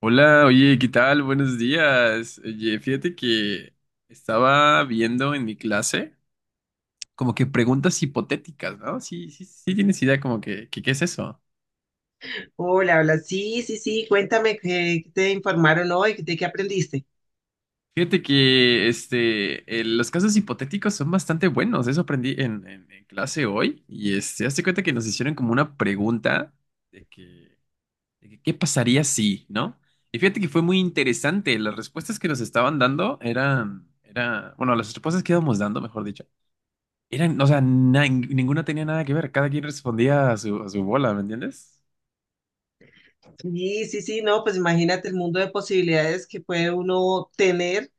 Hola, oye, ¿qué tal? Buenos días. Oye, fíjate que estaba viendo en mi clase como que preguntas hipotéticas, ¿no? Sí, sí, sí tienes idea como que ¿qué es eso? Hola, hola. Sí, sí, sí. Cuéntame qué te informaron hoy, de qué aprendiste. Fíjate que este, los casos hipotéticos son bastante buenos. Eso aprendí en clase hoy. Y este, hazte cuenta que nos hicieron como una pregunta de que, de que ¿qué pasaría si, ¿no? Y fíjate que fue muy interesante. Las respuestas que nos estaban dando era, bueno, las respuestas que íbamos dando, mejor dicho. Eran, o sea, ninguna tenía nada que ver, cada quien respondía a su bola, ¿me entiendes? Sí, sí, sí, no, pues imagínate el mundo de posibilidades que puede uno tener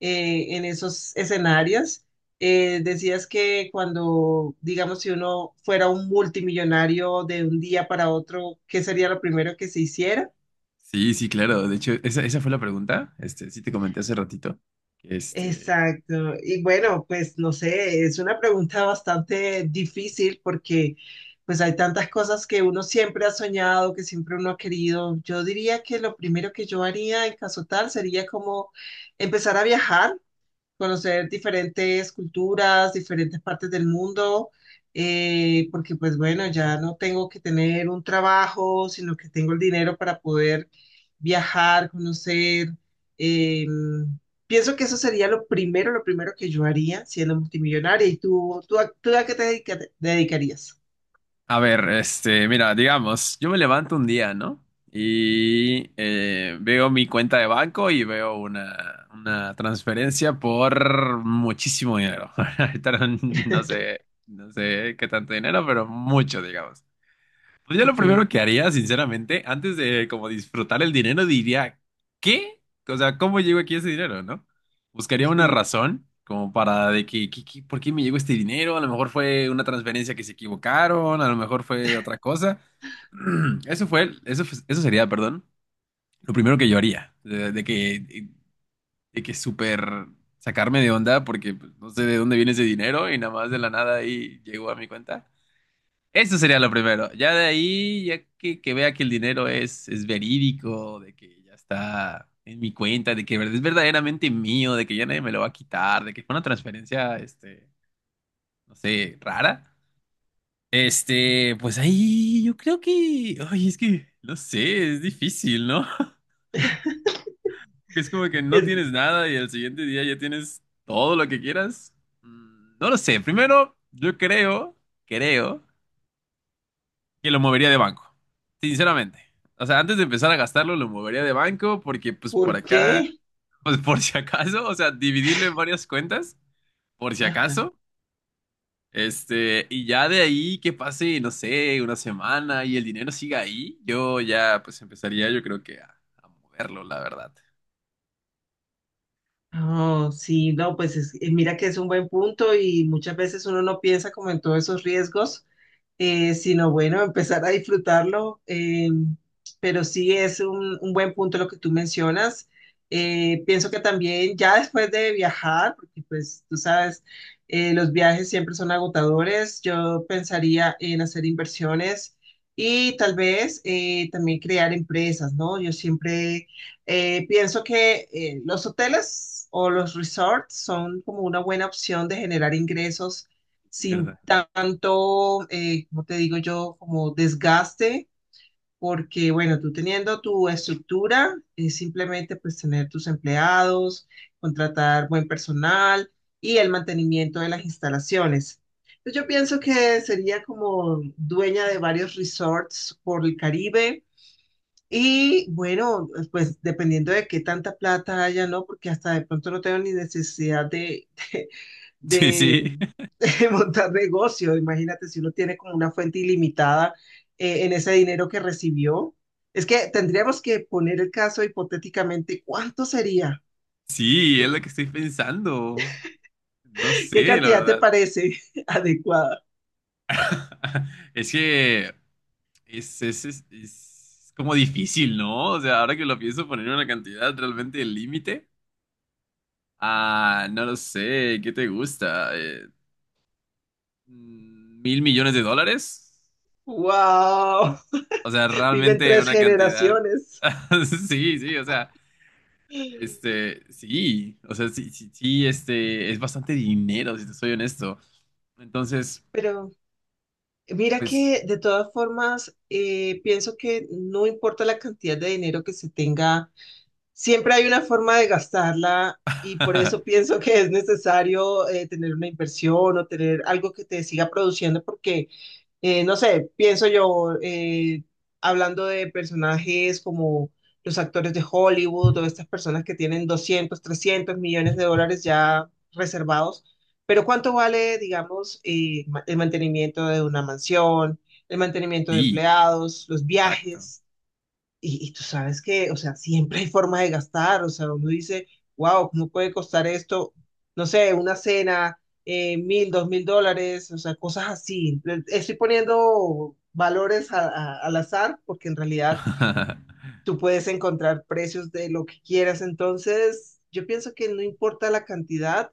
en esos escenarios. Decías que cuando, digamos, si uno fuera un multimillonario de un día para otro, ¿qué sería lo primero que se hiciera? Sí, sí, claro. De hecho, esa fue la pregunta. Este, sí te comenté hace ratito. Este, Exacto. Y bueno, pues no sé, es una pregunta bastante difícil porque pues hay tantas cosas que uno siempre ha soñado, que siempre uno ha querido. Yo diría que lo primero que yo haría en caso tal sería como empezar a viajar, conocer diferentes culturas, diferentes partes del mundo, porque pues bueno, ya no tengo que tener un trabajo, sino que tengo el dinero para poder viajar, conocer. eh, Pienso que eso sería lo primero que yo haría siendo multimillonaria. ¿Y tú a qué te dedicarías? a ver, este, mira, digamos, yo me levanto un día, ¿no? Y veo mi cuenta de banco y veo una transferencia por muchísimo dinero. Ahorita no, no sé qué tanto dinero, pero mucho, digamos. Pues yo lo Ujú. primero que haría, sinceramente, antes de como disfrutar el dinero, diría, ¿qué? O sea, ¿cómo llegó aquí ese dinero, no? Buscaría una Sí. razón como para de que- ¿por qué me llegó este dinero? A lo mejor fue una transferencia que se equivocaron, a lo mejor fue otra cosa. Eso sería, perdón, lo primero que yo haría, de que súper sacarme de onda porque pues, no sé de dónde viene ese dinero y nada más de la nada ahí llegó a mi cuenta. Eso sería lo primero. Ya de ahí, ya que vea que el dinero es verídico, de que ya está en mi cuenta, de que es verdaderamente mío, de que ya nadie me lo va a quitar, de que fue una transferencia, este, no sé, rara. Este, pues ahí yo creo que, ay, es que, no sé, es difícil, ¿no? Porque es como que no Es, tienes nada y al siguiente día ya tienes todo lo que quieras. Mm, no lo sé. Primero, yo creo que lo movería de banco, sinceramente. O sea, antes de empezar a gastarlo, lo movería de banco porque pues por ¿por acá, qué? pues por si acaso, o sea, dividirlo en varias cuentas, por si Ajá. acaso, este, y ya de ahí que pase, no sé, una semana y el dinero siga ahí, yo ya pues empezaría yo creo que a moverlo, la verdad. Oh, sí, no, pues mira que es un buen punto y muchas veces uno no piensa como en todos esos riesgos, sino bueno, empezar a disfrutarlo. Pero sí es un buen punto lo que tú mencionas. Pienso que también ya después de viajar, porque pues tú sabes, los viajes siempre son agotadores, yo pensaría en hacer inversiones. Y tal vez también crear empresas, ¿no? Yo siempre pienso que los hoteles o los resorts son como una buena opción de generar ingresos Sí, verdad, sin tanto, como te digo yo, como desgaste, porque bueno, tú teniendo tu estructura, es simplemente pues tener tus empleados, contratar buen personal y el mantenimiento de las instalaciones. Pues, yo pienso que sería como dueña de varios resorts por el Caribe. Y bueno, pues dependiendo de qué tanta plata haya, ¿no? Porque hasta de pronto no tengo ni necesidad de, sí, de, sí, de montar negocio. Imagínate si uno tiene como una fuente ilimitada en ese dinero que recibió. Es que tendríamos que poner el caso hipotéticamente, ¿cuánto sería? sí, es lo ¿Tú- que estoy pensando. No ¿Qué sé, la cantidad te verdad. parece adecuada? Es que... Es como difícil, ¿no? O sea, ahora que lo pienso poner una cantidad realmente el límite. Ah, no lo sé, ¿qué te gusta? Mm, ¿$1.000.000.000? ¡Wow! O sea, Viven realmente tres una cantidad. generaciones. Sí, sí, o sea, este, sí, o sea, sí, sí, sí, este, es bastante dinero, si te soy honesto. Entonces, Pero mira pues, que de todas formas, pienso que no importa la cantidad de dinero que se tenga. Siempre hay una forma de gastarla y por eso pienso que es necesario tener una inversión o tener algo que te siga produciendo porque, no sé, pienso yo, hablando de personajes como los actores de Hollywood o estas personas que tienen 200 300 millones de dólares ya reservados, pero ¿cuánto vale, digamos, el mantenimiento de una mansión, el mantenimiento de sí, empleados, los exacto. viajes? Y tú sabes que, o sea, siempre hay forma de gastar, o sea, uno dice, wow, ¿cómo puede costar esto? No sé, una cena, 1.000, 2.000 dólares, o sea, cosas así. Estoy poniendo valores al azar porque en realidad tú puedes encontrar precios de lo que quieras, entonces yo pienso que no importa la cantidad,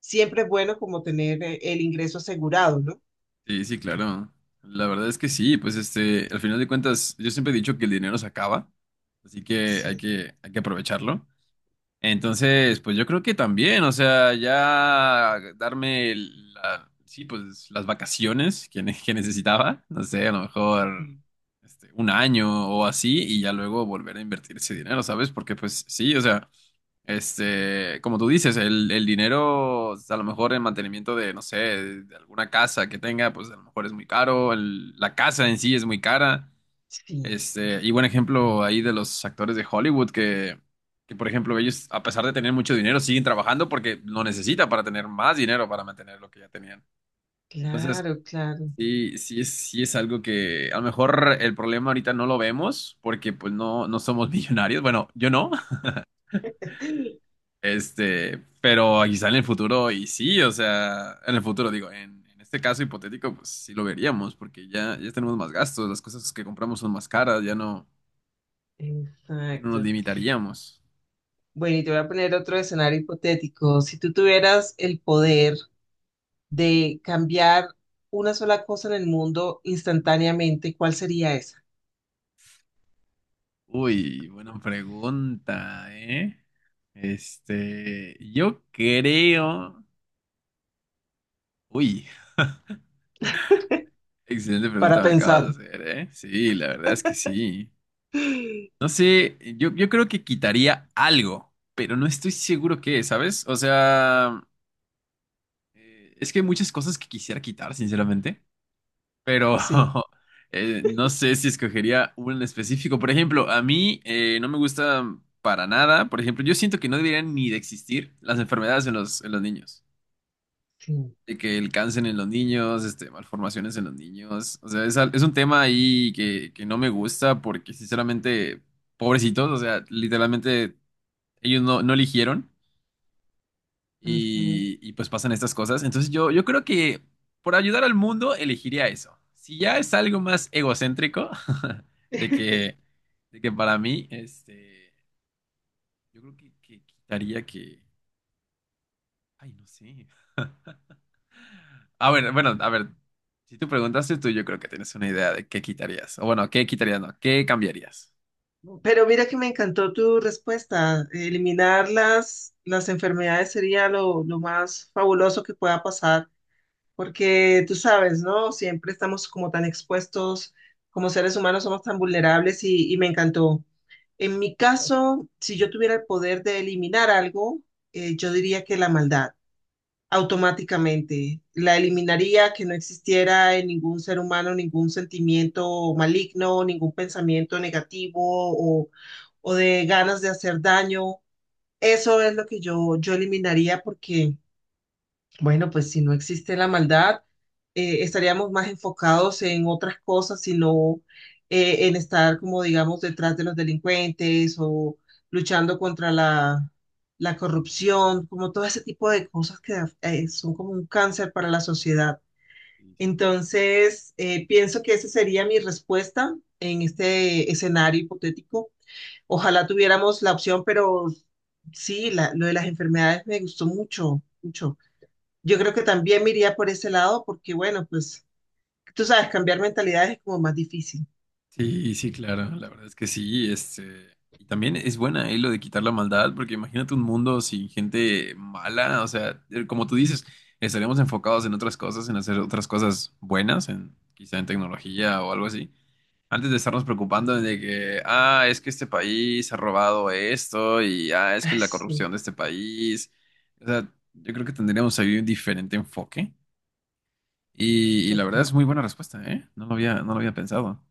siempre es bueno como tener el ingreso asegurado, ¿no? Sí, sí, claro. La verdad es que sí, pues este, al final de cuentas, yo siempre he dicho que el dinero se acaba, así que hay Sí, que, hay que aprovecharlo. Entonces, pues yo creo que también, o sea, ya darme la, sí, pues las vacaciones que necesitaba, no sé, a lo mejor sí, este, un año o así, y ya luego volver a invertir ese dinero, ¿sabes? Porque pues sí, o sea. Este, como tú dices, el dinero, a lo mejor el mantenimiento de, no sé, de alguna casa que tenga, pues a lo mejor es muy caro, la casa en sí es muy cara. sí, Este, y buen ejemplo ahí de los actores de Hollywood que, por ejemplo, ellos, a pesar de tener mucho dinero, siguen trabajando porque lo necesitan para tener más dinero para mantener lo que ya tenían. Entonces, claro, claro. Sí es algo que a lo mejor el problema ahorita no lo vemos porque pues no, no somos millonarios. Bueno, yo no. Este, pero quizá en el futuro, y sí, o sea, en el futuro, digo, en este caso hipotético, pues sí lo veríamos, porque ya tenemos más gastos, las cosas que compramos son más caras, ya no nos Exacto. limitaríamos. Bueno, y te voy a poner otro escenario hipotético. Si tú tuvieras el poder de cambiar una sola cosa en el mundo instantáneamente, ¿cuál sería esa? Uy, buena pregunta, ¿eh? Este, yo creo. Uy, excelente Para pregunta me pensar. acabas de hacer, ¿eh? Sí, la verdad es que sí. No sé, yo creo que quitaría algo, pero no estoy seguro qué, ¿sabes? O sea. Es que hay muchas cosas que quisiera quitar, sinceramente, pero Sí, no sé si escogería un en específico. Por ejemplo, a mí no me gusta para nada. Por ejemplo, yo siento que no deberían ni de existir las enfermedades en en los niños. sí. De que el cáncer en los niños, este, malformaciones en los niños. O sea, es un tema ahí que no me gusta porque, sinceramente, pobrecitos, o sea, literalmente ellos no eligieron. Ujú. Pues pasan estas cosas. Entonces yo creo que por ayudar al mundo elegiría eso. Si ya es algo más egocéntrico, de que, de que para mí, este, yo creo que quitaría que... Ay, no sé. Ah, bueno, bueno, a ver, si tú preguntaste tú, yo creo que tienes una idea de qué quitarías. O bueno, qué quitarías, no, qué cambiarías. Pero mira que me encantó tu respuesta. Eliminar las enfermedades sería lo más fabuloso que pueda pasar. Porque tú sabes, ¿no? Siempre estamos como tan expuestos, como seres humanos somos tan vulnerables, y me encantó. En mi caso, si yo tuviera el poder de eliminar algo, yo diría que la maldad, automáticamente. La eliminaría, que no existiera en ningún ser humano ningún sentimiento maligno, ningún pensamiento negativo o, o de ganas de hacer daño. Eso es lo que yo eliminaría porque... Bueno, pues si no existe la maldad, estaríamos más enfocados en otras cosas, sino en estar, como digamos, detrás de los delincuentes o luchando contra la corrupción, como todo ese tipo de cosas que son como un cáncer para la sociedad. Sí, sí, claro. Entonces, pienso que esa sería mi respuesta en este escenario hipotético. Ojalá tuviéramos la opción, pero sí, lo de las enfermedades me gustó mucho, mucho. Yo creo que también me iría por ese lado porque, bueno, pues tú sabes, cambiar mentalidades es como más difícil. Sí, sí, claro, la verdad es que sí, este, y también es buena ahí lo de quitar la maldad, porque imagínate un mundo sin gente mala, o sea, como tú dices, estaríamos enfocados en otras cosas, en hacer otras cosas buenas, en quizá en tecnología o algo así, antes de estarnos preocupando de que, ah, es que este país ha robado esto y ah, es que Ay, la sí, corrupción de este país, o sea, yo creo que tendríamos ahí un diferente enfoque y la verdad es total. muy buena respuesta, ¿eh? No lo había pensado.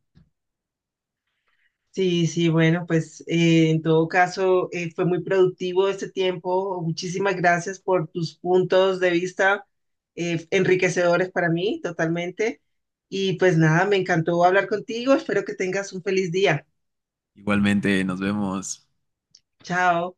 Sí, sí, bueno, pues en todo caso fue muy productivo este tiempo. Muchísimas gracias por tus puntos de vista, enriquecedores para mí, totalmente. Y pues nada, me encantó hablar contigo. Espero que tengas un feliz día. Igualmente, nos vemos. Chao.